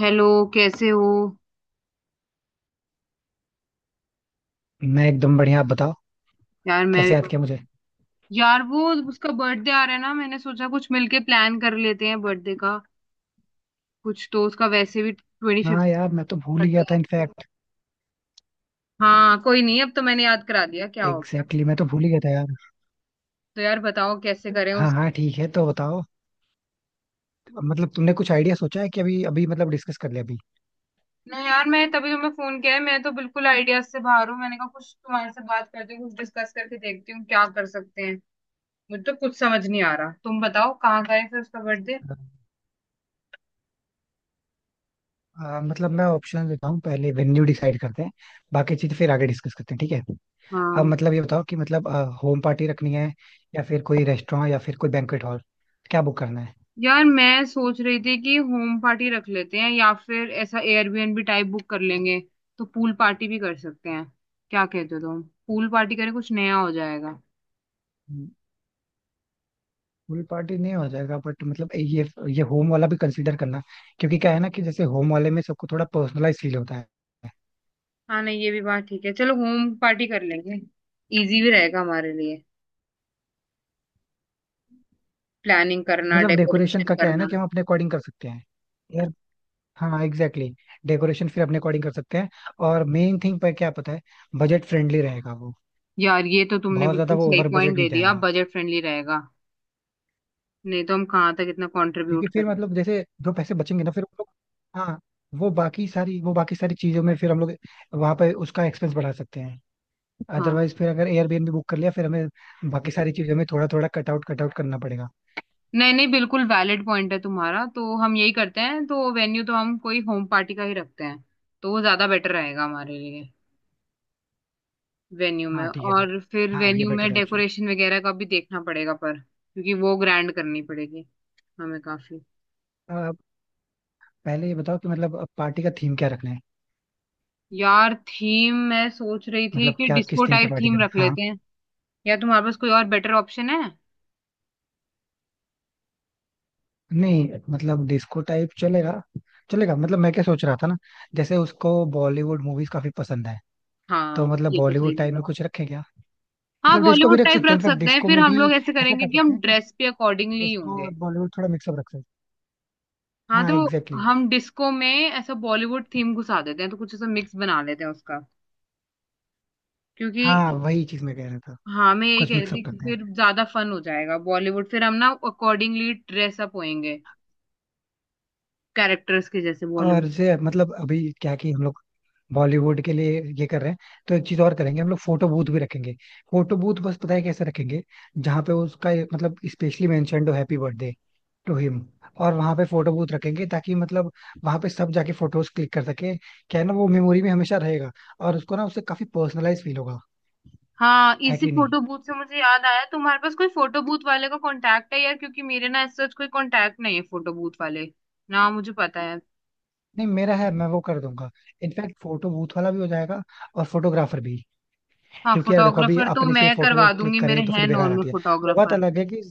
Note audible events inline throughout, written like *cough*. Hello. कैसे हो? मैं एकदम बढ़िया. आप बताओ यार कैसे मैं। याद किया मुझे. यार, वो उसका बर्थडे आ रहा है ना, मैंने सोचा कुछ मिलके प्लान कर लेते हैं बर्थडे का। कुछ तो उसका वैसे भी ट्वेंटी फिफ्थ हाँ यार, मैं तो भूल ही करते गया था हैं। इनफैक्ट. हाँ, कोई नहीं, अब तो मैंने याद करा दिया, क्या हो गया। एग्जैक्टली exactly, मैं तो भूल ही गया था यार. तो यार बताओ कैसे करें हाँ उस हाँ, ठीक है, तो बताओ. मतलब तुमने कुछ आइडिया सोचा है कि अभी अभी मतलब डिस्कस कर लिया अभी. ना यार, मैं तभी तुम्हें फोन किया है, मैं तो बिल्कुल आइडियाज से बाहर हूँ। मैंने कहा कुछ तुम्हारे से बात करती हूँ, कुछ डिस्कस करके देखती हूँ क्या कर सकते हैं। मुझे तो कुछ समझ नहीं आ रहा, तुम बताओ कहाँ का है फिर उसका बर्थडे। मतलब मैं ऑप्शन देता हूँ. पहले वेन्यू डिसाइड करते हैं. बाकी चीज फिर आगे डिस्कस करते हैं. ठीक है. अब हाँ मतलब ये बताओ कि मतलब होम पार्टी रखनी है, या फिर कोई रेस्टोरेंट, या फिर कोई बैंक्वेट हॉल, क्या बुक करना है. यार, मैं सोच रही थी कि होम पार्टी रख लेते हैं या फिर ऐसा एयरबीएनबी टाइप बुक कर लेंगे, तो पूल पार्टी भी कर सकते हैं। क्या कहते हो तुम? पूल पार्टी करें, कुछ नया हो जाएगा। फुल पार्टी नहीं हो जाएगा बट मतलब ये होम वाला भी कंसीडर करना. क्योंकि क्या है ना कि जैसे होम वाले में सबको थोड़ा पर्सनलाइज फील होता है. हाँ नहीं, ये भी बात ठीक है, चलो होम पार्टी कर लेंगे। इजी भी रहेगा हमारे लिए प्लानिंग करना, मतलब डेकोरेशन डेकोरेशन का क्या है ना करना। कि हम अपने अकॉर्डिंग कर सकते हैं यार. हाँ एग्जैक्टली exactly. डेकोरेशन फिर अपने अकॉर्डिंग कर सकते हैं. और मेन थिंग पर क्या पता है, बजट फ्रेंडली रहेगा वो. यार, ये तो तुमने बहुत ज्यादा बिल्कुल वो सही ओवर पॉइंट बजट नहीं दे दिया, जाएगा. बजट फ्रेंडली रहेगा। नहीं तो हम कहाँ तक इतना क्योंकि कंट्रीब्यूट फिर करें। मतलब जैसे जो पैसे बचेंगे ना फिर हम लोग, हाँ, वो बाकी सारी चीजों में फिर हम लोग वहां पे उसका एक्सपेंस बढ़ा सकते हैं. हाँ, अदरवाइज फिर अगर एयरबीएनबी बुक कर लिया फिर हमें बाकी सारी चीजों में थोड़ा थोड़ा कट आउट करना पड़ेगा. नहीं नहीं, बिल्कुल वैलिड पॉइंट है तुम्हारा, तो हम यही करते हैं, तो वेन्यू तो हम कोई होम पार्टी का ही रखते हैं। तो वो ज्यादा बेटर रहेगा हमारे लिए वेन्यू में। हाँ ठीक है फिर. और फिर हाँ ये वेन्यू बेटर में है ऑप्शन. डेकोरेशन वगैरह का भी देखना पड़ेगा, पर क्योंकि वो ग्रैंड करनी पड़ेगी हमें काफी। पहले ये बताओ कि मतलब पार्टी का थीम क्या रखना है. यार थीम मैं सोच रही थी मतलब कि क्या, डिस्को किस थीम पे टाइप पार्टी थीम करें, रख हाँ. लेते हैं, या तुम्हारे पास कोई और बेटर ऑप्शन है? नहीं मतलब डिस्को टाइप चलेगा. चलेगा मतलब मैं क्या सोच रहा था ना. जैसे उसको बॉलीवुड मूवीज काफी पसंद है. तो हाँ, मतलब ये तो सही बॉलीवुड टाइप बोला। में कुछ रखें क्या. हाँ, मतलब डिस्को भी बॉलीवुड रख टाइप सकते हैं रख इनफैक्ट. सकते हैं, डिस्को फिर में हम भी लोग ऐसे ऐसा करेंगे कर कि सकते हम हैं कि ड्रेस पे अकॉर्डिंगली डिस्को होंगे। और बॉलीवुड थोड़ा मिक्सअप रख सकते हैं. हाँ, हाँ तो एग्जैक्टली exactly. हम डिस्को में ऐसा बॉलीवुड थीम घुसा देते हैं, तो कुछ ऐसा मिक्स बना लेते हैं उसका, हाँ क्योंकि। वही चीज मैं कह रहा था. हाँ, मैं यही कुछ कह रही मिक्सअप थी कि करते हैं. फिर ज्यादा फन हो जाएगा, बॉलीवुड फिर हम ना अकॉर्डिंगली ड्रेसअप होएंगे कैरेक्टर्स के जैसे, और बॉलीवुड। जैसे मतलब अभी क्या कि हम लोग बॉलीवुड के लिए ये कर रहे हैं, तो एक चीज और करेंगे हम लोग, फोटो बूथ भी रखेंगे. फोटो बूथ बस पता है कैसे रखेंगे. जहाँ पे उसका ये मतलब स्पेशली मेंशन्ड हो हैप्पी बर्थडे टू हिम, और वहां पे फोटो बूथ रखेंगे, ताकि मतलब वहां पे सब जाके फोटोज क्लिक कर सके, क्या है ना वो मेमोरी में हमेशा रहेगा. और उसको ना उससे काफी पर्सनलाइज फील होगा. हाँ, है इसी कि नहीं. फोटो बूथ से मुझे याद आया, तुम्हारे पास कोई फोटो बूथ वाले का कांटेक्ट है यार? क्योंकि मेरे ना ऐसा कोई कांटेक्ट नहीं है फोटो बूथ वाले। ना, मुझे पता है। नहीं मेरा है, मैं वो कर दूंगा. इनफैक्ट फोटो बूथ वाला भी हो जाएगा और फोटोग्राफर भी. हाँ, क्योंकि यार देखो, अभी फोटोग्राफर तो अपने से मैं करवा फोटोज क्लिक दूंगी, मेरे करें तो हैं फिर बेकार नॉर्मल आती है. वो बात फोटोग्राफर। अलग है कि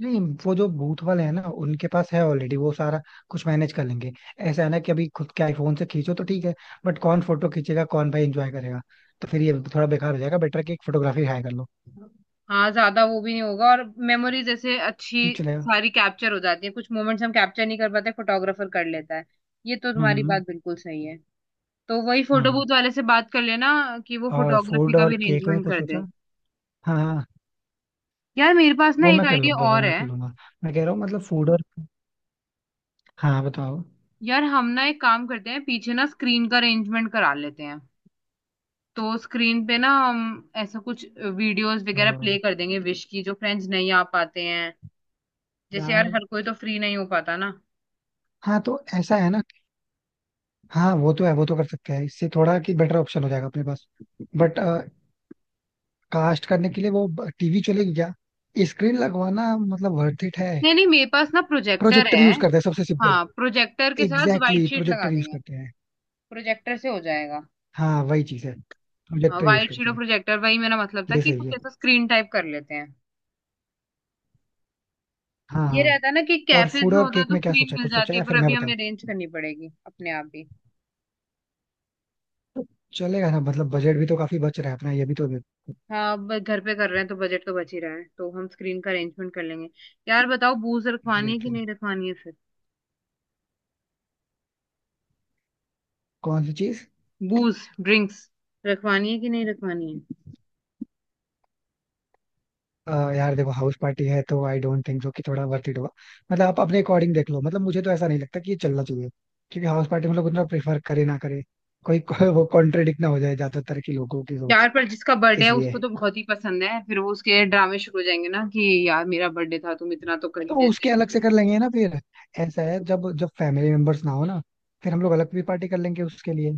नहीं, वो जो बूथ वाले हैं ना उनके पास है ऑलरेडी वो सारा कुछ मैनेज कर लेंगे. ऐसा है ना कि अभी खुद के आईफोन से खींचो तो ठीक है, बट कौन फोटो खींचेगा, कौन भाई एंजॉय करेगा. तो फिर ये थोड़ा बेकार हो जाएगा, बेटर कि एक फोटोग्राफी हायर कर लो. हाँ, ज्यादा वो भी नहीं होगा, और मेमोरी जैसे अच्छी ठीक चलेगा. सारी कैप्चर हो जाती है, कुछ मोमेंट्स हम कैप्चर नहीं कर पाते, फोटोग्राफर कर लेता है। ये तो तुम्हारी हम्म. बात बिल्कुल सही है। तो वही फोटो हम्म. बूथ वाले से बात कर लेना कि वो और फोटोग्राफी फूड का और भी केक में अरेंजमेंट कुछ कर सोचा? दे। हाँ हाँ. यार मेरे पास ना वो एक मैं कर आइडिया लूंगा, वो और मैं है। कर लूंगा. मैं कह रहा हूँ मतलब फूड और. हाँ बताओ. यार हम ना एक काम करते हैं, पीछे ना स्क्रीन का अरेंजमेंट करा लेते हैं। तो स्क्रीन पे ना हम ऐसा कुछ वीडियोस वगैरह प्ले और कर देंगे, विश की, जो फ्रेंड्स नहीं आ पाते हैं। जैसे यार, यार. हर कोई तो फ्री नहीं हो पाता ना। हाँ तो ऐसा है ना. हाँ वो तो है, वो तो कर सकते हैं, इससे थोड़ा कि बेटर ऑप्शन हो जाएगा अपने पास. बट कास्ट करने के लिए वो टीवी चलेगी क्या? स्क्रीन लगवाना मतलब वर्थ इट है. नहीं नहीं, मेरे पास ना प्रोजेक्टर प्रोजेक्टर है। यूज करते हैं सबसे सिंपल. हाँ, प्रोजेक्टर के साथ एग्जैक्टली व्हाइट exactly, शीट लगा प्रोजेक्टर यूज देंगे। करते हैं. प्रोजेक्टर से हो जाएगा। हाँ वही चीज है. हाँ, प्रोजेक्टर यूज व्हाइट शीट करते और हैं. प्रोजेक्टर, वही मेरा मतलब था ये कि सही कुछ है. ऐसा स्क्रीन टाइप कर लेते हैं। हाँ ये हाँ. रहता है ना कि और कैफेज फूड में और होता है केक तो में क्या स्क्रीन सोचा है? मिल कुछ सोचा जाती है है, या फिर पर मैं अभी हमें बताऊँ? अरेंज करनी पड़ेगी अपने आप ही। चलेगा ना. मतलब बजट भी तो काफी बच रहा है अपना ये भी तो. हाँ अब घर पे कर रहे हैं तो बजट तो बच ही रहा है, तो हम स्क्रीन का अरेंजमेंट कर लेंगे। यार बताओ, बूज रखवानी है कि एग्जैक्टली नहीं exactly. रखवानी है फिर? कौन सी चीज? बूज, ड्रिंक्स रखवानी है कि नहीं रखवानी है? यार देखो हाउस पार्टी है तो आई डोंट थिंक सो कि थोड़ा वर्थ इट होगा. मतलब आप अपने अकॉर्डिंग देख लो. मतलब मुझे तो ऐसा नहीं लगता कि ये चलना चाहिए. क्योंकि हाउस पार्टी में लोग उतना प्रेफर करे ना करे कोई *laughs* कोई वो कॉन्ट्रेडिक्ट ना हो जाए ज्यादातर के लोगों की सोच. यार पर जिसका बर्थडे है इसलिए. उसको तो बहुत ही पसंद है, फिर वो उसके ड्रामे शुरू हो जाएंगे ना कि यार, मेरा बर्थडे था, तुम इतना तो कर तो ही उसके देते। अलग से कर लेंगे ना फिर. ऐसा है जब जब फैमिली मेंबर्स ना हो ना, फिर हम लोग अलग भी पार्टी कर लेंगे उसके लिए.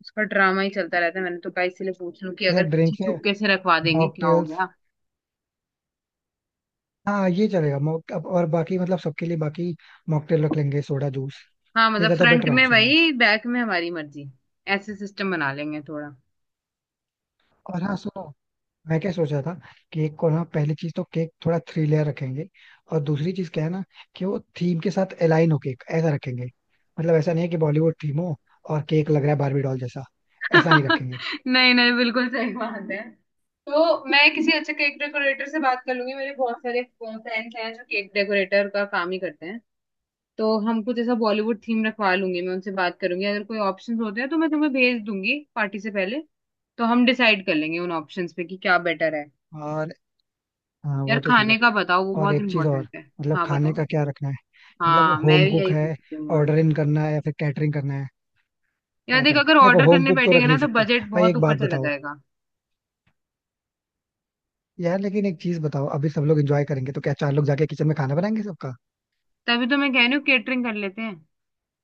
उसका ड्रामा ही चलता रहता है, मैंने तो कहा इसीलिए पूछ लूं कि जैसे अगर पीछे ड्रिंक्स है, छुपके से रखवा देंगे क्या हो मॉकटेल्स. गया। हाँ ये चलेगा. मॉक अब और बाकी मतलब सबके लिए बाकी मॉकटेल रख लेंगे, सोडा जूस. हाँ ये मतलब ज्यादा फ्रंट बेटर में ऑप्शन है. वही, बैक में हमारी मर्जी। ऐसे सिस्टम बना लेंगे थोड़ा। और हाँ सुनो, मैं क्या सोच रहा था, केक को ना पहली चीज तो केक थोड़ा थ्री लेयर रखेंगे. और दूसरी चीज क्या है ना, कि वो थीम के साथ अलाइन हो केक ऐसा रखेंगे. मतलब ऐसा नहीं है कि बॉलीवुड थीम हो और केक लग रहा है बारबी डॉल जैसा. ऐसा नहीं रखेंगे. *laughs* नहीं नहीं, बिल्कुल सही बात है। तो मैं किसी अच्छे केक डेकोरेटर से बात कर लूंगी, मेरे बहुत सारे फ्रेंड्स हैं जो केक डेकोरेटर का काम ही करते हैं। तो हम कुछ ऐसा बॉलीवुड थीम रखवा लूंगी, मैं उनसे बात करूंगी, अगर कोई ऑप्शंस होते हैं तो मैं तुम्हें भेज दूंगी पार्टी से पहले। तो हम डिसाइड कर लेंगे उन ऑप्शंस पे कि क्या बेटर है। और हाँ यार वो तो ठीक है. खाने का बताओ, वो और बहुत एक चीज और, इंपॉर्टेंट है। मतलब हाँ खाने बताओ। का क्या रखना है. मतलब हाँ, मैं होम भी कुक यही है, पूछ रही हूँ। ऑर्डर इन करना है या फिर कैटरिंग करना है, यार क्या देख, करना है. अगर देखो ऑर्डर होम करने कुक तो रख बैठेंगे ना नहीं तो सकते. बजट भाई बहुत एक बात ऊपर चला बताओ, जाएगा। यार लेकिन एक चीज बताओ, अभी सब लोग एंजॉय करेंगे तो क्या चार लोग जाके किचन में खाना बनाएंगे सबका. तभी तो मैं कह रही हूँ केटरिंग कर लेते हैं।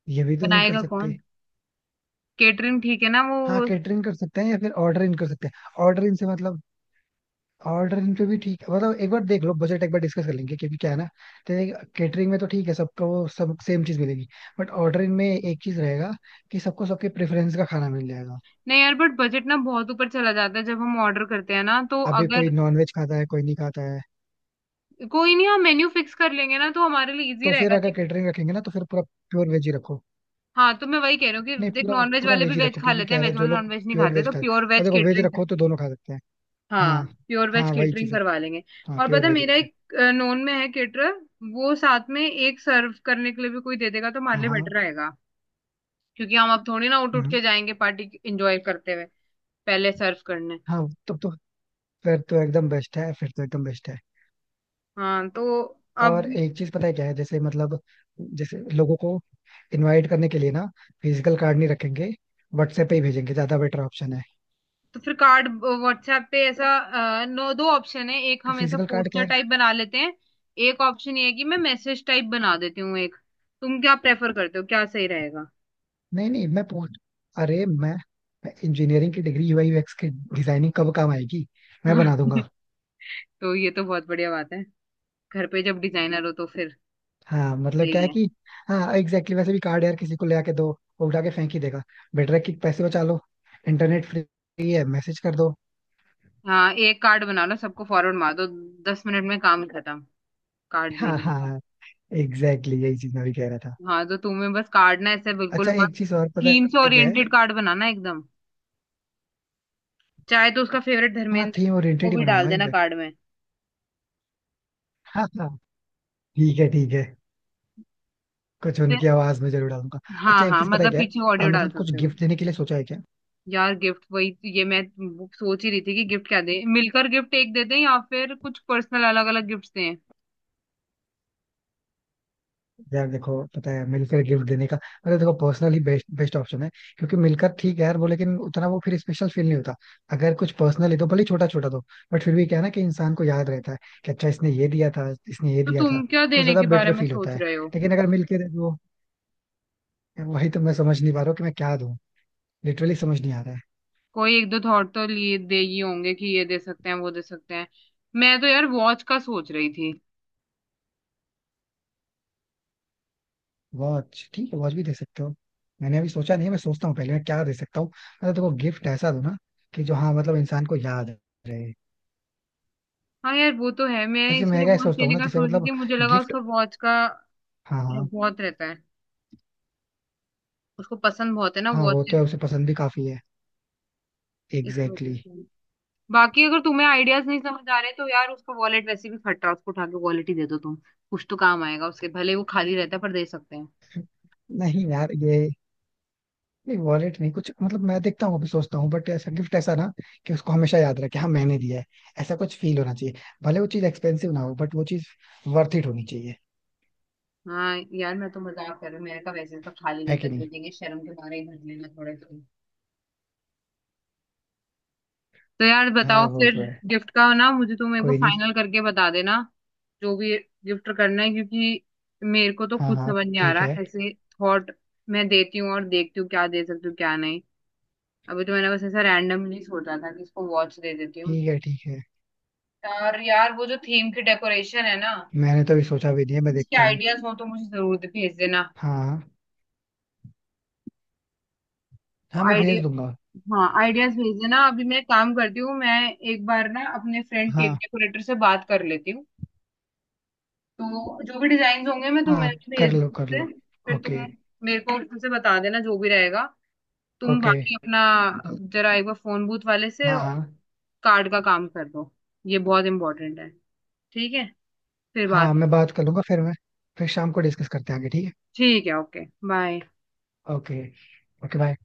ये भी तो नहीं कर बनाएगा सकते. कौन? केटरिंग ठीक है ना हाँ वो। कैटरिंग कर सकते हैं या फिर ऑर्डर इन कर सकते हैं. ऑर्डर इन से मतलब ऑर्डर इन पे भी ठीक है. मतलब एक बार देख लो, बजट एक बार डिस्कस कर लेंगे, क्योंकि क्या है ना, कैटरिंग में तो ठीक है सबको वो सब सेम चीज मिलेगी. बट ऑर्डर इन में एक चीज रहेगा कि सबको सबके प्रेफरेंस का खाना मिल जाएगा. नहीं यार, बट बजट ना बहुत ऊपर चला जाता है जब हम ऑर्डर करते हैं ना, तो अभी कोई अगर नॉन वेज खाता है, कोई नहीं खाता है. कोई नहीं, हम मेन्यू फिक्स कर लेंगे ना तो हमारे लिए इजी तो फिर रहेगा। अगर कैटरिंग रखेंगे ना तो फिर पूरा प्योर वेज ही रखो. हाँ, तो मैं वही कह रही हूँ नहीं कि देख, पूरा नॉनवेज पूरा वाले वेज भी ही वेज रखो खा क्योंकि लेते क्या हैं, है ना, वेज जो वाले लोग नॉनवेज नहीं प्योर खाते, वेज तो खाते प्योर हैं और वेज देखो वेज केटरिंग। रखो तो दोनों खा सकते हैं. हाँ हाँ प्योर वेज हाँ. वही केटरिंग चीज है. करवा लेंगे। हाँ और प्योर पता है, वेज मेरा रखो. एक नॉन में है केटरर, वो साथ में एक सर्व करने के लिए भी कोई दे देगा, तो हमारे हाँ लिए हाँ. बेटर रहेगा। क्योंकि हम अब थोड़ी ना उठ उठ हम्म, के जाएंगे पार्टी एंजॉय करते हुए पहले सर्व करने। हाँ तब तो. फिर तो एकदम बेस्ट है. फिर तो एकदम बेस्ट है. हाँ तो अब। और एक चीज पता है क्या है, जैसे मतलब जैसे लोगों को इनवाइट करने के लिए ना, फिजिकल कार्ड नहीं रखेंगे, व्हाट्सएप पे ही भेजेंगे, ज्यादा बेटर ऑप्शन है. तो फिर कार्ड व्हाट्सएप पे ऐसा। नो, दो ऑप्शन है, एक हम ऐसा फिजिकल कार्ड क्या पोस्टर है. टाइप बना लेते हैं। एक ऑप्शन ये है कि मैं मैसेज टाइप बना देती हूँ एक। तुम क्या प्रेफर करते हो, क्या सही रहेगा? नहीं नहीं मैं पूछ. अरे मैं इंजीनियरिंग की डिग्री, यूआई यूएक्स की डिजाइनिंग कब काम आएगी. मैं बना *laughs* दूंगा. तो ये तो बहुत बढ़िया बात है। घर पे जब डिजाइनर हो तो फिर हाँ मतलब क्या सही है है। कि. हाँ एग्जैक्टली exactly, वैसे भी कार्ड यार किसी को ले आके दो, वो उठा के फेंक ही देगा. बेटर है कि पैसे बचा लो. इंटरनेट फ्री है, मैसेज कर दो. हाँ, एक कार्ड बना लो, सबको फॉरवर्ड मार दो, 10 मिनट में काम खत्म कार्ड हाँ भेजने का। हाँ एग्जैक्टली exactly, यही चीज मैं भी कह रहा था. हाँ तो तुम्हें बस कार्ड ना ऐसे बिल्कुल अच्छा मत, एक चीज और पता थीम से है क्या है. ओरिएंटेड कार्ड बनाना एकदम। चाहे तो उसका फेवरेट हाँ धर्मेंद्र थीम ओरिएंटेड को ही भी डाल बनाऊंगा देना इनफैक्ट. कार्ड में। हाँ हाँ ठीक है ठीक है. कुछ उनकी आवाज में जरूर डालूंगा. अच्छा हाँ एक हाँ, चीज पता है मतलब क्या है. पीछे ऑडियो डाल मतलब कुछ सकते हो। गिफ्ट देने के लिए सोचा है क्या. यार गिफ्ट ये मैं वो सोच ही रही थी कि गिफ्ट क्या दें, मिलकर गिफ्ट एक देते हैं, या फिर कुछ पर्सनल अलग अलग गिफ्ट्स दें। यार देखो, पता है मिलकर गिफ्ट देने का मतलब, देखो पर्सनली बेस्ट बेस्ट ऑप्शन है. क्योंकि मिलकर ठीक है यार वो, लेकिन उतना वो फिर स्पेशल फील नहीं होता. अगर कुछ पर्सनली दो, भले छोटा छोटा दो, बट फिर भी क्या है ना कि इंसान को याद रहता है कि अच्छा इसने ये दिया था, इसने ये तो दिया था. तुम क्या तो देने ज्यादा के बारे बेटर में फील होता सोच है, रहे हो? लेकिन अगर मिलके दे दो. वही तो मैं समझ नहीं पा रहा हूँ कि मैं क्या दूं. लिटरली समझ नहीं आ रहा है. कोई एक दो थॉट तो लिए दे ही होंगे कि ये दे सकते हैं, वो दे सकते हैं। मैं तो यार वॉच का सोच रही थी। वॉच ठीक है, वॉच भी दे सकते हो. मैंने अभी सोचा नहीं है, मैं सोचता हूँ पहले मैं क्या दे सकता हूँ. मतलब देखो गिफ्ट ऐसा दो ना कि जो, हाँ मतलब इंसान को याद रहे. हाँ यार, वो तो है, मैं वैसे मैं इसलिए क्या वॉच सोचता हूँ देने ना का जैसे सोच रही मतलब थी, मुझे लगा गिफ्ट. उसका वॉच का हाँ हाँ. बहुत रहता है, उसको पसंद बहुत है ना हाँ वो वॉच, तो है, उसे पसंद भी काफी है. इस वजह एग्जैक्टली से। बाकी अगर तुम्हें आइडियाज नहीं समझ आ रहे, तो यार उसका वॉलेट वैसे भी फट रहा है, उसको उठा के वॉलेट ही दे दो तुम, कुछ तो काम आएगा उसके, भले वो खाली रहता है पर दे सकते हैं। exactly. नहीं यार ये, नहीं वॉलेट नहीं कुछ, मतलब मैं देखता हूँ अभी सोचता हूँ. बट ऐसा गिफ्ट ऐसा ना कि उसको हमेशा याद रहे कि हाँ मैंने दिया है. ऐसा कुछ फील होना चाहिए. भले वो चीज एक्सपेंसिव ना हो, बट वो चीज वर्थ इट होनी चाहिए. हाँ यार, मैं तो मजाक कर रही हूँ, मेरे का वैसे तो खाली है रहता कि है, दे नहीं. देंगे शर्म के मारे ही, भर लेना थोड़े से। तो यार हाँ बताओ वो फिर, तो है. गिफ्ट का ना मुझे तुम एक बार कोई नहीं. फाइनल करके बता देना, जो भी गिफ्ट करना है क्योंकि मेरे को तो हाँ खुद हाँ समझ नहीं आ ठीक है रहा ऐसे थॉट। मैं देती हूँ और देखती हूँ क्या दे सकती हूँ क्या नहीं। अभी तो मैंने बस ऐसा रैंडमली सोचा था कि इसको वॉच दे देती हूँ। ठीक है. ठीक है. और यार वो जो थीम की डेकोरेशन है ना, मैंने तो अभी सोचा भी नहीं है, मैं उसके देखता हूँ. आइडियाज हो तो मुझे जरूर भेज देना हाँ हाँ मैं आइडिया। भेज दूंगा. हाँ आइडियाज भेज देना। अभी मैं काम करती हूँ, मैं एक बार ना अपने फ्रेंड केक हाँ डेकोरेटर से बात कर लेती हूँ। तो जो भी डिजाइन होंगे मैं हाँ तुम्हें कर भेज दूँ लो कर उससे। लो. फिर तुम ओके मेरे को उसमें से बता देना जो भी रहेगा। तुम ओके. बाकी अपना जरा एक बार फोन बूथ वाले से हाँ हाँ कार्ड का काम कर दो, ये बहुत इंपॉर्टेंट है। ठीक है? फिर बात। हाँ मैं बात कर लूंगा. फिर मैं फिर शाम को डिस्कस करते हैं आगे. ठीक ठीक है, ओके बाय। है ओके. Okay bye.